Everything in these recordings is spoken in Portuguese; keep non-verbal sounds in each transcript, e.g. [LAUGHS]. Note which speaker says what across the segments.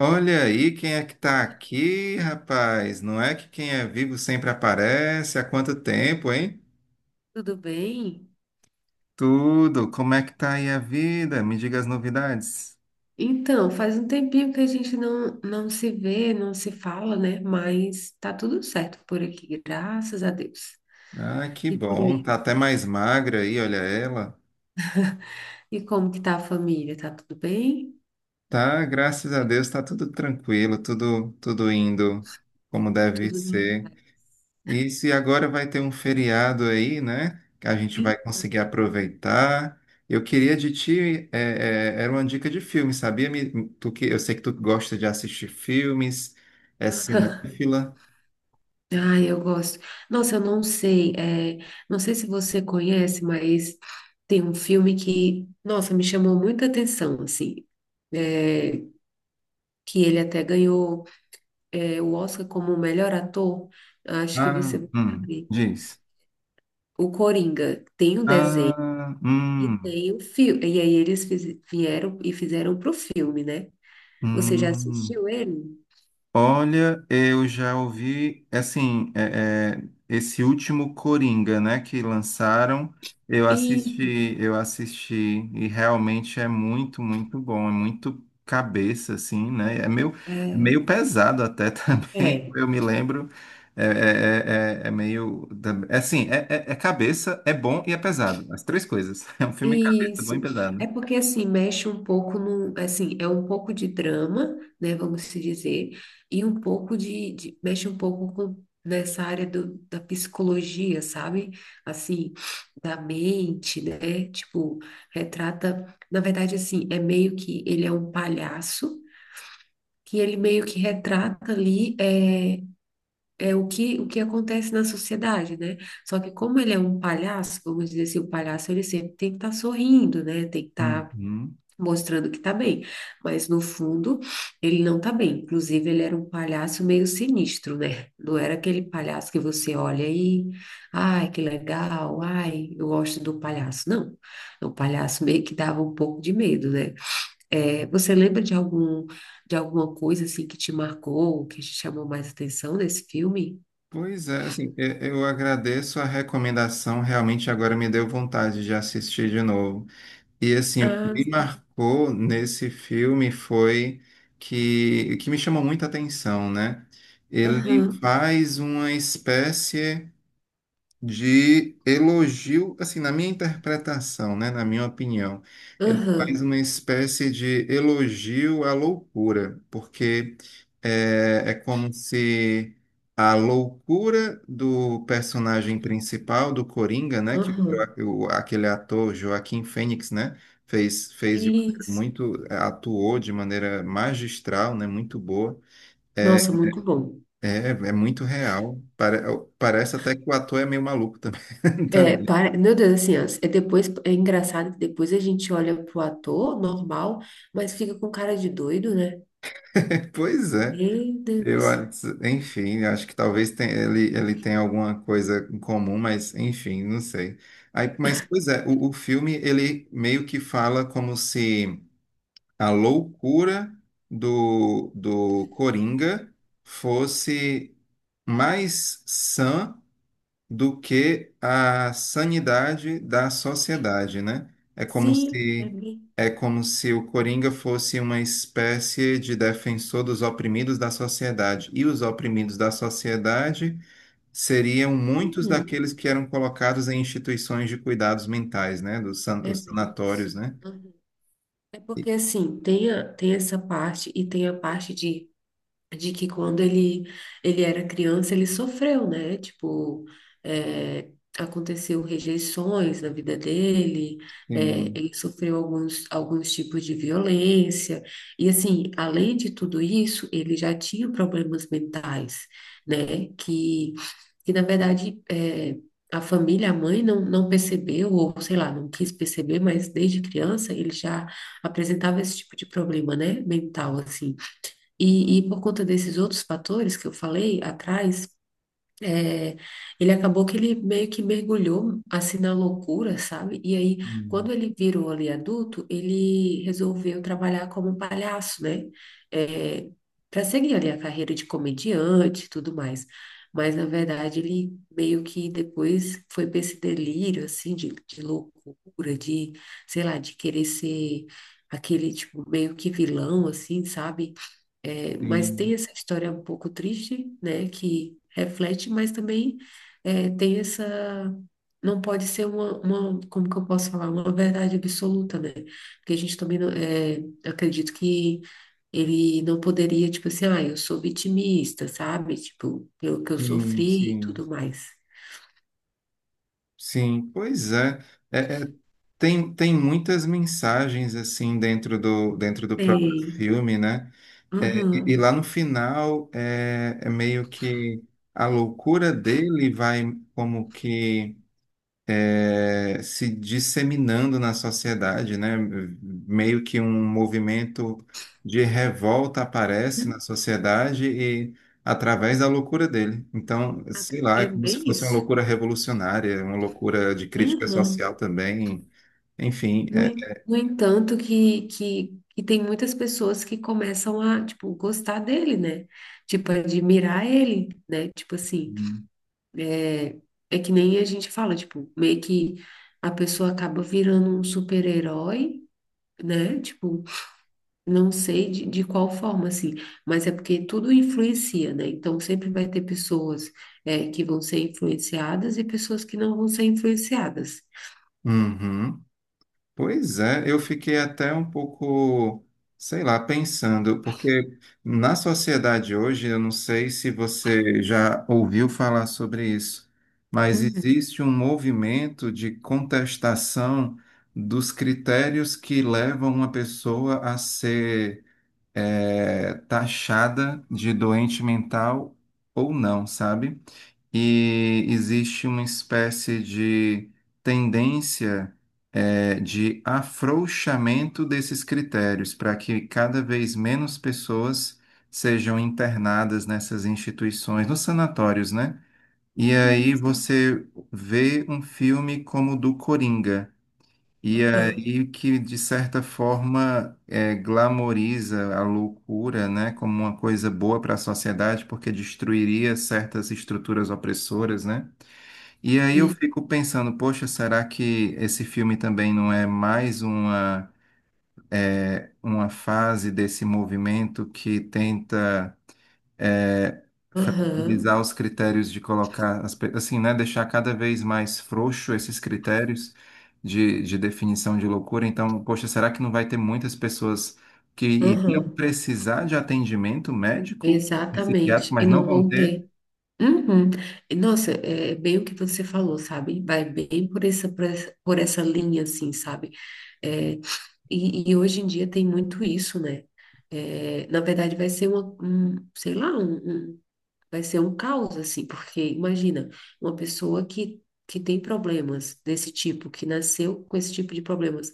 Speaker 1: Olha aí quem é que tá aqui, rapaz. Não é que quem é vivo sempre aparece? Há quanto tempo, hein?
Speaker 2: Tudo bem?
Speaker 1: Tudo. Como é que tá aí a vida? Me diga as novidades.
Speaker 2: Então, faz um tempinho que a gente não se vê, não se fala, né? Mas tá tudo certo por aqui, graças a Deus.
Speaker 1: Ah, que
Speaker 2: E por
Speaker 1: bom.
Speaker 2: aí?
Speaker 1: Tá até mais magra aí, olha ela.
Speaker 2: E como que tá a família? Tá tudo bem?
Speaker 1: Tá, graças a Deus, tá tudo tranquilo, tudo indo como deve
Speaker 2: Tudo na
Speaker 1: ser.
Speaker 2: paz?
Speaker 1: E se agora vai ter um feriado aí, né? Que a gente
Speaker 2: Sim?
Speaker 1: vai conseguir aproveitar. Eu queria de ti, era uma dica de filme, sabia? Tu que, eu sei que tu gosta de assistir filmes, é
Speaker 2: [LAUGHS]
Speaker 1: cinéfila.
Speaker 2: Ah, ai, eu gosto. Nossa, eu não sei, não sei se você conhece, mas tem um filme que, nossa, me chamou muita atenção, assim, é, que ele até ganhou, é, o Oscar como melhor ator. Acho que você
Speaker 1: Ah,
Speaker 2: vai saber.
Speaker 1: diz.
Speaker 2: O Coringa tem o desenho
Speaker 1: Ah,
Speaker 2: e tem o filme. E aí eles vieram e fizeram pro filme, né? Você já
Speaker 1: hum.
Speaker 2: assistiu ele?
Speaker 1: Olha, eu já ouvi, é assim, esse último Coringa, né, que lançaram,
Speaker 2: E
Speaker 1: eu assisti e realmente é muito, muito bom, é muito cabeça, assim, né, é
Speaker 2: é,
Speaker 1: meio pesado até [LAUGHS] também,
Speaker 2: é.
Speaker 1: eu me lembro, é, é, é, é é meio, é assim, é cabeça, é bom e é pesado, as três coisas, [LAUGHS] é um filme cabeça, bom e
Speaker 2: Isso. É
Speaker 1: pesado.
Speaker 2: porque assim mexe um pouco no, assim, é um pouco de drama, né, vamos se dizer, e um pouco mexe um pouco com nessa área do, da psicologia, sabe? Assim, da mente, né? Tipo, retrata, na verdade assim, é meio que ele é um palhaço que ele meio que retrata ali é o que acontece na sociedade, né? Só que como ele é um palhaço, vamos dizer assim, o palhaço ele sempre tem que estar sorrindo, né? Tem que estar
Speaker 1: Uhum.
Speaker 2: mostrando que tá bem, mas no fundo ele não tá bem. Inclusive ele era um palhaço meio sinistro, né? Não era aquele palhaço que você olha e, ai, que legal, ai, eu gosto do palhaço. Não, o palhaço meio que dava um pouco de medo, né? É, você lembra de algum, de alguma coisa assim que te marcou, que te chamou mais atenção nesse filme?
Speaker 1: Pois é, assim, eu agradeço a recomendação, realmente agora me deu vontade de assistir de novo. E assim, o que
Speaker 2: Ah,
Speaker 1: me marcou nesse filme foi que me chamou muita atenção, né? Ele
Speaker 2: aham,
Speaker 1: faz uma espécie de elogio, assim, na minha interpretação, né, na minha opinião, ele faz
Speaker 2: aham,
Speaker 1: uma espécie de elogio à loucura, porque é como se a loucura do personagem principal, do Coringa, né, que o,
Speaker 2: aham.
Speaker 1: Joa- o- aquele ator Joaquim Fênix, né, fez de maneira
Speaker 2: Isso.
Speaker 1: muito, atuou de maneira magistral, né, muito boa eh,
Speaker 2: Nossa, muito bom.
Speaker 1: é muito real. Parece até que o ator é meio maluco também. [LAUGHS]
Speaker 2: É,
Speaker 1: Também.
Speaker 2: para... Meu Deus, assim, ó, é depois é engraçado que depois a gente olha pro ator normal, mas fica com cara de doido, né?
Speaker 1: [LAUGHS] Pois é.
Speaker 2: Meu Deus.
Speaker 1: Enfim, acho que talvez ele tenha alguma coisa em comum, mas enfim, não sei. Aí, mas, pois é, o filme, ele meio que fala como se a loucura do Coringa fosse mais sã do que a sanidade da sociedade, né? É como
Speaker 2: Sim, é
Speaker 1: se
Speaker 2: bem.
Speaker 1: é como se o Coringa fosse uma espécie de defensor dos oprimidos da sociedade, e os oprimidos da sociedade seriam muitos
Speaker 2: Uhum,
Speaker 1: daqueles que eram colocados em instituições de cuidados mentais, né?
Speaker 2: é
Speaker 1: Os
Speaker 2: bem isso.
Speaker 1: sanatórios, né?
Speaker 2: Uhum. É
Speaker 1: E-
Speaker 2: porque assim, tem essa parte e tem a parte de que quando ele era criança, ele sofreu, né? Tipo, é, aconteceu rejeições na vida dele, é,
Speaker 1: Sim,
Speaker 2: ele sofreu alguns, alguns tipos de violência, e assim, além de tudo isso, ele já tinha problemas mentais, né? Que na verdade, é, a família, a mãe não percebeu, ou sei lá, não quis perceber, mas desde criança ele já apresentava esse tipo de problema, né? Mental, assim. E por conta desses outros fatores que eu falei atrás, é, ele acabou que ele meio que mergulhou assim na loucura, sabe? E aí,
Speaker 1: sim,
Speaker 2: quando ele virou ali adulto, ele resolveu trabalhar como um palhaço, né? É, para seguir ali a carreira de comediante e tudo mais. Mas, na verdade, ele meio que depois foi para esse delírio, assim, de loucura, de, sei lá, de querer ser aquele, tipo, meio que vilão, assim, sabe? É, mas
Speaker 1: sim,
Speaker 2: tem essa história um pouco triste, né, que reflete, mas também é, tem essa. Não pode ser uma, como que eu posso falar, uma verdade absoluta, né? Porque a gente também não, é, eu acredito que ele não poderia, tipo assim, ah, eu sou vitimista, sabe? Tipo, pelo que eu
Speaker 1: sim,
Speaker 2: sofri e
Speaker 1: sim.
Speaker 2: tudo mais.
Speaker 1: Sim, pois é. É, é Tem, tem muitas mensagens assim dentro do próprio
Speaker 2: Sei.
Speaker 1: filme, né? É, e
Speaker 2: Aham.
Speaker 1: lá no final é meio que a loucura dele vai como que é, se disseminando na sociedade, né? Meio que um movimento de revolta aparece na
Speaker 2: Hum,
Speaker 1: sociedade e através da loucura dele. Então, sei lá, é
Speaker 2: é
Speaker 1: como se
Speaker 2: bem
Speaker 1: fosse uma
Speaker 2: isso.
Speaker 1: loucura revolucionária, uma loucura de crítica social
Speaker 2: Aham.
Speaker 1: também. Enfim,
Speaker 2: No, no entanto, que tem muitas pessoas que começam a, tipo, gostar dele, né? Tipo, admirar ele, né? Tipo assim,
Speaker 1: uhum.
Speaker 2: é é que nem a gente fala, tipo, meio que a pessoa acaba virando um super-herói, né? Tipo, não sei de qual forma, assim, mas é porque tudo influencia, né? Então sempre vai ter pessoas, é, que vão ser influenciadas e pessoas que não vão ser influenciadas.
Speaker 1: Uhum. Pois é, eu fiquei até um pouco, sei lá, pensando, porque na sociedade hoje, eu não sei se você já ouviu falar sobre isso, mas
Speaker 2: Uhum.
Speaker 1: existe um movimento de contestação dos critérios que levam uma pessoa a ser, taxada de doente mental ou não, sabe? E existe uma espécie de tendência de afrouxamento desses critérios para que cada vez menos pessoas sejam internadas nessas instituições, nos sanatórios, né? E
Speaker 2: Sim,
Speaker 1: aí
Speaker 2: sim.
Speaker 1: você vê um filme como o do Coringa. E
Speaker 2: Aham.
Speaker 1: aí que, de certa forma, é, glamoriza a loucura, né, como uma coisa boa para a sociedade, porque destruiria certas estruturas opressoras, né? E aí eu
Speaker 2: E-
Speaker 1: fico pensando, poxa, será que esse filme também não é mais uma, é, uma fase desse movimento que tenta é,
Speaker 2: aham.
Speaker 1: fragilizar os critérios de colocar, assim, né, deixar cada vez mais frouxo esses critérios de definição de loucura. Então, poxa, será que não vai ter muitas pessoas que iriam
Speaker 2: Aham,
Speaker 1: precisar de atendimento médico e psiquiátrico,
Speaker 2: exatamente. E
Speaker 1: mas não
Speaker 2: não
Speaker 1: vão
Speaker 2: vão
Speaker 1: ter?
Speaker 2: ter. Uhum. E, nossa, é bem o que você falou, sabe? Vai bem por essa, por essa linha, assim, sabe? É, e hoje em dia tem muito isso, né? É, na verdade, vai ser uma, um, sei lá, um- vai ser um caos, assim, porque imagina, uma pessoa que tem problemas desse tipo, que nasceu com esse tipo de problemas,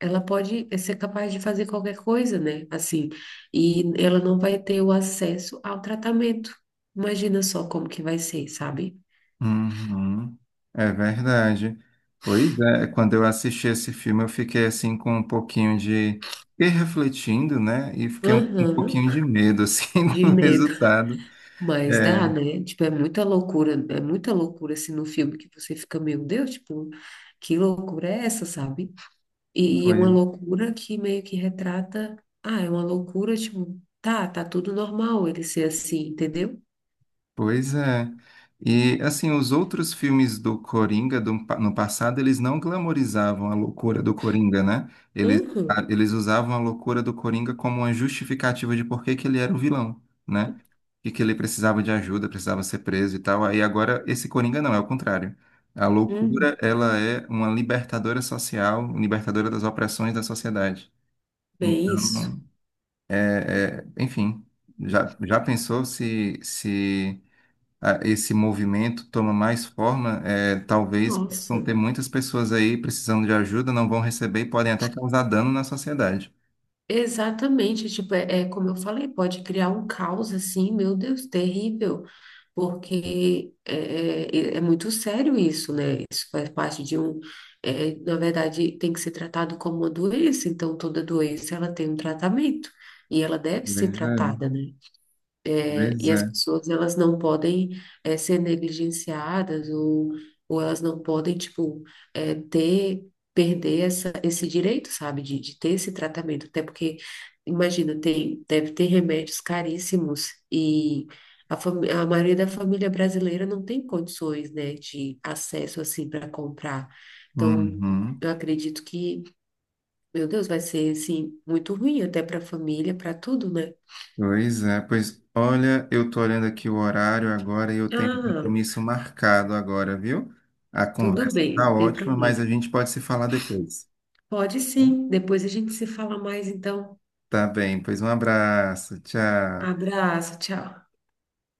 Speaker 2: ela pode eh, ser capaz de fazer qualquer coisa, né? Assim, e ela não vai ter o acesso ao tratamento. Imagina só como que vai ser, sabe?
Speaker 1: Uhum, é verdade. Pois é, quando eu assisti esse filme, eu fiquei assim com um pouquinho de. Fiquei refletindo, né? E fiquei um
Speaker 2: Aham,
Speaker 1: pouquinho de medo, assim, [LAUGHS]
Speaker 2: de
Speaker 1: do
Speaker 2: medo.
Speaker 1: resultado.
Speaker 2: Mas
Speaker 1: É,
Speaker 2: dá, né? Tipo, é muita loucura assim no filme que você fica, meu Deus, tipo, que loucura é essa, sabe? E é uma
Speaker 1: pois
Speaker 2: loucura que meio que retrata, ah, é uma loucura, tipo, tá, tá tudo normal ele ser assim, entendeu?
Speaker 1: Pois é. E assim, os outros filmes do Coringa no passado, eles não glamorizavam a loucura do Coringa, né? Eles,
Speaker 2: Uhum,
Speaker 1: eles usavam a loucura do Coringa como uma justificativa de por que que ele era o vilão, né? E que ele precisava de ajuda, precisava ser preso e tal. Aí agora esse Coringa não, é o contrário. A loucura,
Speaker 2: uhum,
Speaker 1: ela é uma libertadora social, libertadora das opressões da sociedade.
Speaker 2: bem isso.
Speaker 1: Então, enfim, já pensou se, se esse movimento toma mais forma, é, talvez
Speaker 2: Nossa.
Speaker 1: possam ter muitas pessoas aí precisando de ajuda, não vão receber e podem até causar dano na sociedade.
Speaker 2: Exatamente, tipo, é, é como eu falei, pode criar um caos assim, meu Deus, terrível, porque é muito sério isso, né? Isso faz parte de um, é, na verdade, tem que ser tratado como uma doença, então toda doença ela tem um tratamento e ela deve ser
Speaker 1: Pois é,
Speaker 2: tratada, né?
Speaker 1: pois
Speaker 2: E as
Speaker 1: é.
Speaker 2: pessoas, elas não podem eh, ser negligenciadas ou elas não podem, tipo, eh, ter, perder essa, esse direito, sabe, de ter esse tratamento. Até porque, imagina, tem, deve ter remédios caríssimos e a maioria da família brasileira não tem condições, né, de acesso, assim, para comprar. Então,
Speaker 1: Uhum.
Speaker 2: eu acredito que, meu Deus, vai ser, assim, muito ruim até para a família, para tudo, né?
Speaker 1: Pois é, pois olha, eu tô olhando aqui o horário agora e eu tenho um
Speaker 2: Ah,
Speaker 1: compromisso marcado agora, viu? A
Speaker 2: tudo
Speaker 1: conversa
Speaker 2: bem,
Speaker 1: tá
Speaker 2: não tem
Speaker 1: ótima, mas
Speaker 2: problema.
Speaker 1: a gente pode se falar depois.
Speaker 2: Pode
Speaker 1: Tá bom?
Speaker 2: sim. Depois a gente se fala mais, então.
Speaker 1: Tá bem, pois um abraço, tchau.
Speaker 2: Abraço, tchau.